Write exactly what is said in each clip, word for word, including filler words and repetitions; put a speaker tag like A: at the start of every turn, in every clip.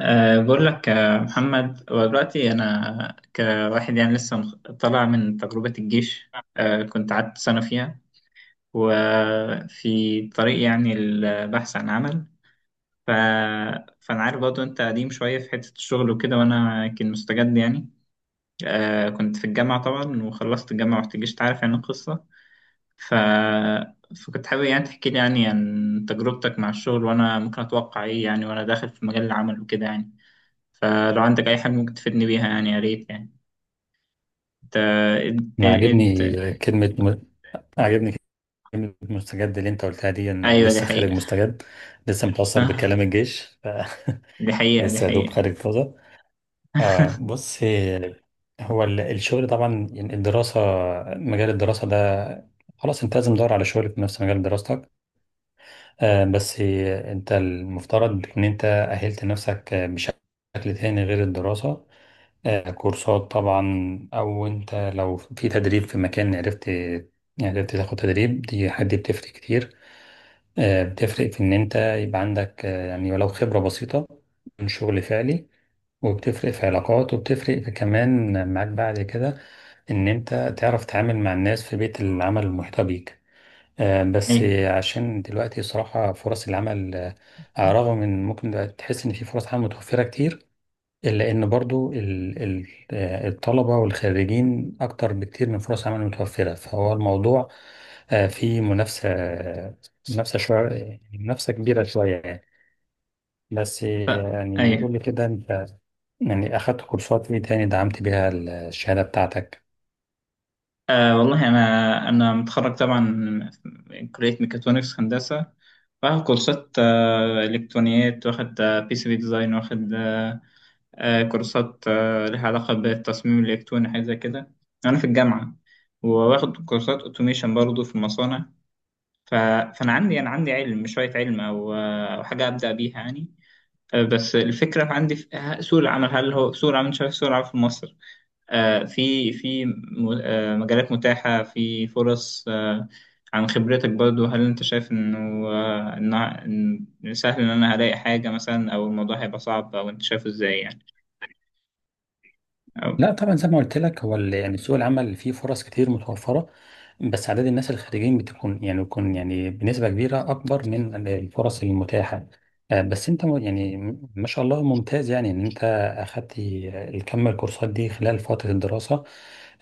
A: أه بقول لك آه، محمد، هو دلوقتي أنا كواحد يعني لسه مخ- طالع من تجربة الجيش. أه كنت قعدت سنة فيها، وفي طريق يعني البحث عن عمل. ف... فأنا عارف برضه أنت قديم شوية في حتة الشغل وكده، وأنا كان مستجد يعني. أه كنت في الجامعة طبعا، وخلصت الجامعة ورحت الجيش، تعرف يعني القصة. ف... فكنت حابب يعني تحكي لي يعني عن تجربتك مع الشغل، وأنا ممكن أتوقع إيه يعني وأنا داخل في مجال العمل وكده يعني. فلو عندك أي حاجة ممكن تفيدني بيها يعني، يا ريت يعني. انت
B: انا
A: انت انت-
B: عاجبني كلمه م... عاجبني كلمه مستجد اللي انت قلتها دي، إن
A: أيوه، دي
B: لسه خارج
A: حقيقة.
B: مستجد. لسه متاثر
A: آه،
B: بكلام الجيش.
A: دي حقيقة، دي
B: لسه يا دوب
A: حقيقة.
B: خارج طازه. آه بص، هو ال- الشغل طبعا، يعني الدراسه، مجال الدراسه ده خلاص انت لازم تدور على شغل في نفس مجال دراستك. آه بس انت المفترض ان انت اهلت نفسك بشكل تاني غير الدراسه. آه، كورسات طبعا، او انت لو في تدريب في مكان، عرفت يعني، عرفت تاخد تدريب، دي حد بتفرق كتير. آه، بتفرق في ان انت يبقى عندك آه، يعني ولو خبرة بسيطة من شغل فعلي، وبتفرق في علاقات، وبتفرق في كمان معاك بعد كده ان انت تعرف تتعامل مع الناس في بيئة العمل المحيطة بيك. آه، بس
A: أيوه،
B: عشان دلوقتي صراحة فرص العمل، آه، رغم ان ممكن تحس ان في فرص عمل متوفرة كتير، لأن برضو ال- ال- آه، الطلبة والخريجين أكتر بكتير من فرص عمل متوفرة، فهو الموضوع آه، فيه منافسة. منافسة شوية، يعني منافسة كبيرة شوية يعني. بس يعني
A: أيوه.
B: قول لي كده، أنت يعني أخدت كورسات إيه تاني دعمت بيها الشهادة بتاعتك؟
A: آه والله أنا أنا متخرج طبعا من كلية ميكاترونكس هندسة، واخد كورسات آه، إلكترونيات، واخد آه بي سي بي ديزاين، واخد آه، كورسات آه، لها علاقة بالتصميم الإلكتروني، حاجة زي كده، أنا في الجامعة. وواخد كورسات أوتوميشن برضه في المصانع. ف... فانا عندي انا عندي علم، شويه علم او او حاجه ابدا بيها يعني. آه، بس الفكره عندي في آه، سوق العمل، هل هو سوق العمل شايف سوق العمل في مصر آه، في في م- آه، مجالات متاحه، في فرص آه، عن خبرتك برضو، هل انت شايف انه آه، إن إن سهل ان انا الاقي حاجه مثلا، او الموضوع هيبقى صعب، او انت شايفه ازاي يعني؟
B: لا طبعا، زي ما قلت لك، هو ال- يعني سوق العمل فيه فرص كتير متوفرة، بس عدد الناس الخريجين بتكون يعني بيكون يعني بنسبة كبيرة أكبر من الفرص المتاحة. آه، بس أنت م- يعني م- ما شاء الله ممتاز، يعني إن أنت أخدت الكم الكورسات دي خلال فترة الدراسة.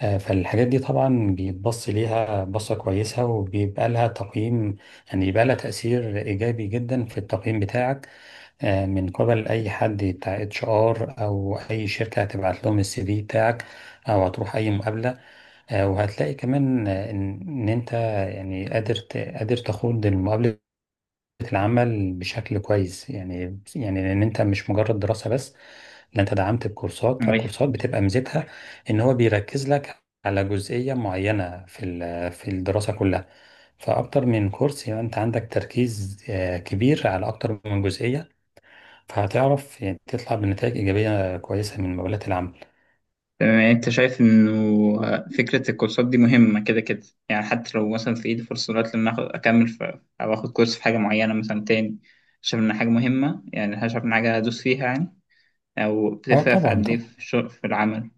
B: آه، فالحاجات دي طبعا بيتبص ليها بصة كويسة، وبيبقى لها تقييم، يعني بيبقى لها تأثير إيجابي جدا في التقييم بتاعك. آه، من قبل اي حد بتاع اتش ار، او اي شركه هتبعت لهم السي في بتاعك، او هتروح اي مقابله. آه، وهتلاقي كمان آه، ان إن انت يعني قادر ت- قادر تخوض مقابله العمل بشكل كويس يعني، يعني لان انت مش مجرد دراسه بس، لا انت دعمت بكورسات.
A: او
B: فالكورسات بتبقى ميزتها ان هو بيركز لك على جزئيه معينه في ال- في الدراسه كلها، فاكتر من كورس يبقى انت عندك تركيز آه، كبير على اكتر من جزئيه، فهتعرف يعني تطلع بنتائج إيجابية كويسة من مقابلات العمل.
A: تمام، يعني انت شايف انه آه، فكرة الكورسات دي مهمة كده كده؟ يعني حتى لو مثلا في ايدي فرصة دلوقتي ان اخد اكمل في، او اخد كورس في حاجة معينة مثلا تاني، شايف ان حاجة مهمة يعني؟ شايف ان حاجة ادوس فيها يعني، او
B: اه
A: بتفرق في
B: طبعا
A: قد ايه
B: طبعا.
A: في الشغل في العمل؟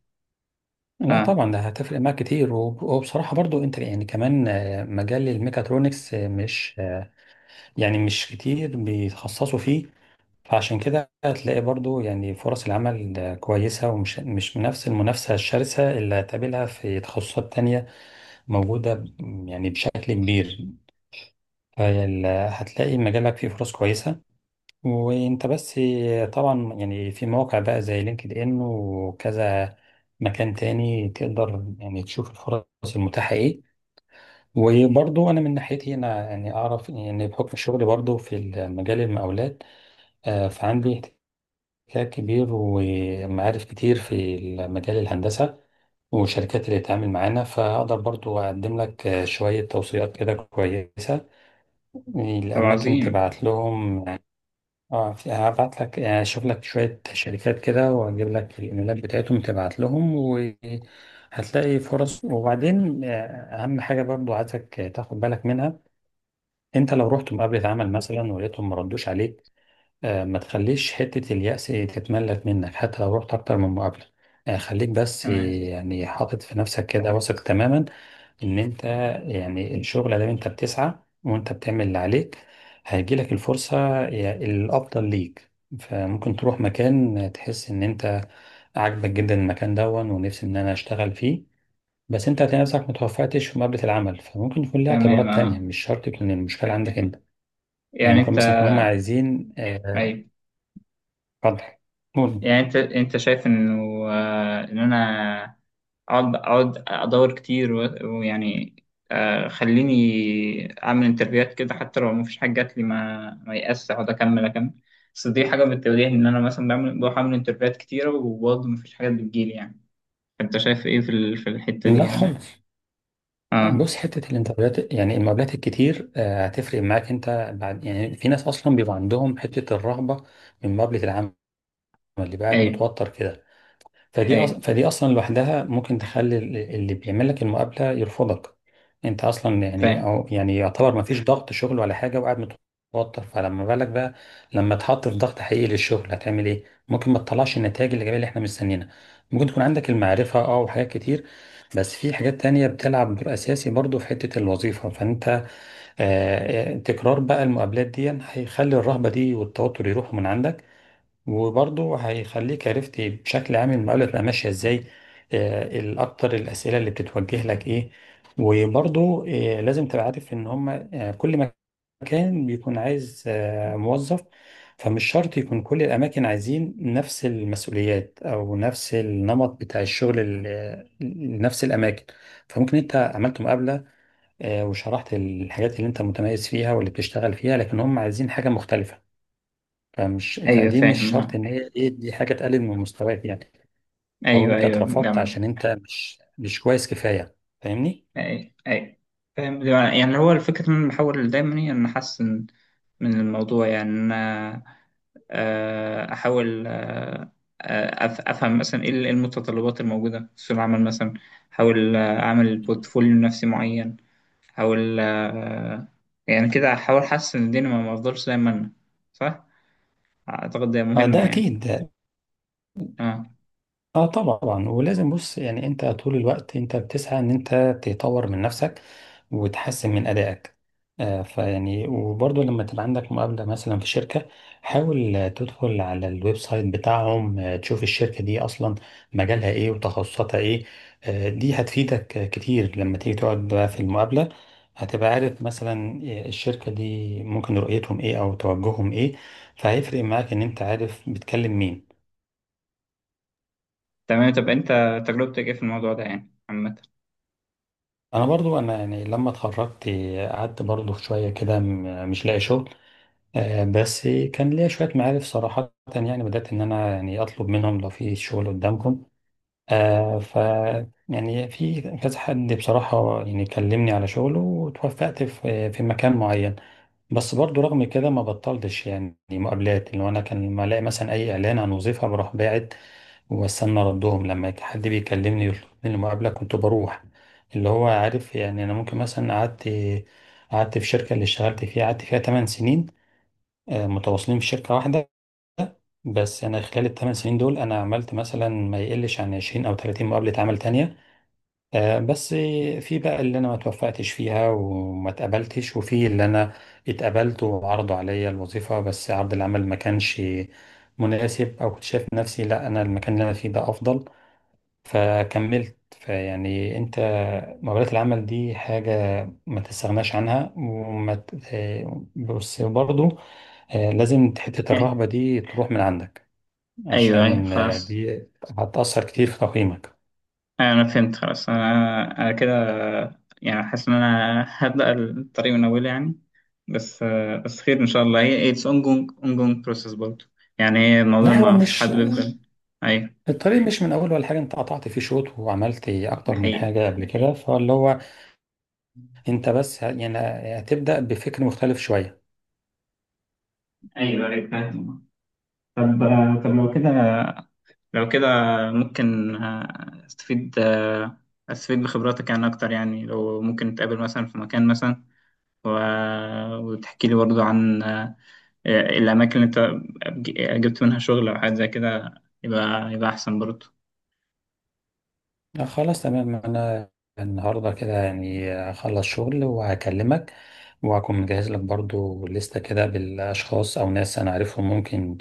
B: لا
A: اه.
B: طبعا ده هتفرق معاك كتير، وب- وبصراحة برضو انت يعني كمان آه، مجال الميكاترونكس آه، مش آه، يعني مش كتير بيتخصصوا فيه. فعشان كده هتلاقي برضو يعني فرص العمل آه، كويسة، ومش مش نفس المنافسة الشرسة اللي هتقابلها في تخصصات تانية موجودة ب- يعني بشكل كبير. فهتلاقي مجالك فيه فرص كويسة، وانت بس طبعا، يعني في مواقع بقى زي لينكد ان وكذا مكان تاني تقدر يعني تشوف الفرص المتاحة ايه. وبرضو انا من ناحيتي انا يعني اعرف يعني بحكم شغلي برضو في مجال المقاولات، آه، فعندي احتكاك كبير ومعارف كتير في مجال الهندسة والشركات اللي بتتعامل معانا، فهقدر برضو أقدم لك آه، شوية توصيات كده كويسة
A: طب
B: الأماكن
A: عظيم.
B: تبعت لهم. اه في- هبعت لك يعني، اشوف لك شوية شركات كده واجيب لك الايميلات بتاعتهم تبعت لهم، وهتلاقي فرص. وبعدين آه، اهم حاجة برضو عايزك تاخد بالك منها، انت لو رحت مقابلة عمل مثلا ولقيتهم ما ردوش عليك، آه، ما تخليش حتة اليأس تتملك منك، حتى لو رحت أكتر من مقابلة. آه، خليك بس آه،
A: تمام،
B: يعني حاطط في نفسك كده واثق تماما إن أنت يعني الشغل ده أنت بتسعى، وأنت بتعمل اللي عليك، هيجيلك الفرصة يا- الأفضل ليك. فممكن تروح مكان تحس إن أنت عاجبك جدا المكان دون، ونفسي إن أنا أشتغل فيه، بس أنت هتلاقي نفسك متوفقتش في مقابلة العمل، فممكن يكون ليها
A: تمام.
B: اعتبارات
A: اه،
B: تانية، مش شرط تكون المشكلة عندك أنت. يعني
A: يعني
B: ممكن
A: انت
B: مثلا يكون هم عايزين آه،
A: ايوه.
B: اتفضل، قول.
A: يعني انت انت شايف انه آه، ان انا اقعد اقعد ادور كتير و- ويعني آه، خليني اعمل انترفيوهات كده، حتى لو مفيش حاجه جات لي، ما ما يأس، اقعد اكمل اكمل. بس دي حاجه بتواجهني، ان انا مثلا بعمل بروح اعمل انترفيوهات كتيره وبرضه مفيش حاجات بتجيلي يعني، انت شايف ايه في ال- في الحته دي
B: لا
A: يعني؟
B: خالص.
A: اه،
B: بص، حته الانترفيوهات يعني المقابلات الكتير آه، هتفرق معاك انت بعد يعني. في ناس اصلا بيبقى عندهم حته الرهبه من مقابله العمل، اللي بقى قاعد
A: ايوه،
B: متوتر كده. فدي أص...
A: ايوه،
B: فدي اصلا لوحدها ممكن تخلي ال- اللي بيعمل لك المقابله يرفضك. انت اصلا يعني،
A: فاهم.
B: أو يعني يعتبر ما فيش ضغط شغل ولا حاجه وقاعد متوتر، فلما بالك بقى لما تحط في ضغط حقيقي للشغل، هتعمل ايه؟ ممكن ما تطلعش النتائج الايجابيه اللي احنا مستنيينها. ممكن تكون عندك المعرفه اه وحاجات كتير، بس في حاجات تانية بتلعب دور أساسي برضو في حتة الوظيفة. فأنت آه، آه، تكرار بقى المقابلات دي هيخلي الرهبة دي والتوتر يروحوا من عندك، وبرضه هيخليك عرفت بشكل عام المقابلة تبقى ماشية ازاي. آه، الأكتر الأسئلة اللي بتتوجه لك ايه. وبرضه آه، لازم تبقى عارف إن هما آه، كل مكان بيكون عايز آه، موظف. فمش شرط يكون كل الأماكن عايزين نفس المسؤوليات أو نفس النمط بتاع الشغل ال- لنفس الأماكن. فممكن أنت عملت مقابلة آه، وشرحت الحاجات اللي أنت متميز فيها واللي بتشتغل فيها، لكن هم عايزين حاجة مختلفة. فمش
A: ايوه
B: فدي مش
A: فاهم،
B: شرط
A: اه.
B: ان هي ايه، دي حاجه تقلل من مستواك يعني، او
A: ايوه
B: انت
A: ايوه،
B: اترفضت
A: جمع.
B: عشان انت مش مش كويس كفايه. فاهمني؟
A: اي، اي، فاهم. يعني هو الفكرة ان انا بحاول دايما، هي ان احسن من الموضوع، يعني ان انا آه، احاول آه، آه، أف- افهم مثلا ايه المتطلبات الموجودة في سوق العمل مثلا، احاول آه، اعمل بورتفوليو نفسي معين، احاول آه، يعني كده، احاول احسن الدنيا، ما ما افضلش زي ما انا. صح، اعتقد ده مهم
B: فده
A: يعني.
B: اكيد.
A: اه،
B: اه طبعا، ولازم، بص يعني انت طول الوقت انت بتسعى ان انت تطور من نفسك وتحسن من ادائك. آه فيعني وبرضه لما تبقى عندك مقابلة مثلا في شركة، حاول آه، تدخل على الويب سايت بتاعهم، آه، تشوف الشركة دي اصلا مجالها ايه وتخصصاتها ايه. آه دي هتفيدك آه، كتير لما تيجي تقعد بقى في المقابلة. هتبقى عارف مثلا آه، الشركة دي ممكن رؤيتهم ايه او توجههم ايه. فهيفرق معاك ان انت عارف بتكلم مين.
A: تمام. طب انت، تجربتك ايه في الموضوع ده يعني عامة؟
B: انا برضو انا يعني لما اتخرجت، قعدت برضو شويه كده م- مش لاقي شغل. آه، بس كان ليا شويه معارف صراحه يعني، بدات ان انا يعني اطلب منهم لو في شغل قدامكم. آه، ف يعني في كذا حد بصراحه يعني كلمني على شغله، وتوفقت في في مكان معين. بس برضو رغم كده ما بطلتش يعني مقابلات، اللي هو انا كان لما الاقي مثلا اي اعلان عن وظيفه بروح باعت، واستنى ردهم. لما حد بيكلمني يطلب مني المقابله كنت بروح. اللي هو عارف يعني انا ممكن مثلا قعدت قعدت في شركه اللي اشتغلت فيها، قعدت فيها 8 سنين، آه، متواصلين في شركه واحده. بس انا خلال الثمان سنين دول انا عملت مثلا ما يقلش عن عشرين او تلاتين مقابله عمل تانية. آه، بس في بقى اللي انا ما توفقتش فيها وما اتقبلتش، وفي اللي انا اتقبلت وعرضوا عليا الوظيفة، بس عرض العمل ما كانش مناسب، او كنت شايف نفسي لا انا المكان اللي انا فيه ده افضل، فكملت. فيعني انت مقابلات العمل دي حاجة ما تستغناش عنها وما ت- آه، بس برضو آه، لازم حتة الرهبة دي تروح من عندك،
A: ايوه ايوه،
B: عشان آه،
A: خلاص.
B: دي هتأثر كتير في تقييمك.
A: آه، انا فهمت خلاص، انا انا كده يعني حاسس ان انا هبدأ الطريق من اول يعني. بس بس خير ان شاء الله، هي اتس ongoing ongoing process برضه. يعني هي الموضوع
B: لا هو
A: ما فيش
B: مش،
A: حد بيفضل. ايوه،
B: الطريق مش من اول ولا حاجه، انت قطعت فيه شوط وعملت
A: دي
B: اكتر من
A: حقيقة.
B: حاجه قبل كده، فاللي هو انت بس ه- يعني هتبدا بفكر مختلف شويه.
A: ايوه ايوه فاهم. طب طب لو كده، لو كده ممكن آه، استفيد آه، استفيد بخبراتك يعني اكتر. يعني لو ممكن نتقابل مثلا في مكان مثلا، و... وتحكي لي برضو عن آه، الأماكن اللي أنت ج- جبت منها شغل أو حاجة زي كده، يبقى يبقى أحسن برضو.
B: آه خلاص تمام، انا النهارده كده يعني اخلص شغل وهكلمك، وهكون مجهز لك برضو لستة كده بالاشخاص او ناس انا عارفهم ممكن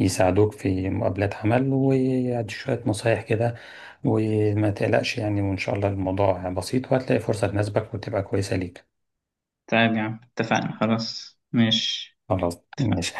B: يساعدوك في مقابلات عمل، وادي شويه نصايح كده. وما تقلقش يعني، وان شاء الله الموضوع بسيط، وهتلاقي فرصه تناسبك وتبقى كويسه ليك.
A: طيب يا عم، اتفقنا، خلاص ماشي،
B: خلاص مش
A: اتفقنا.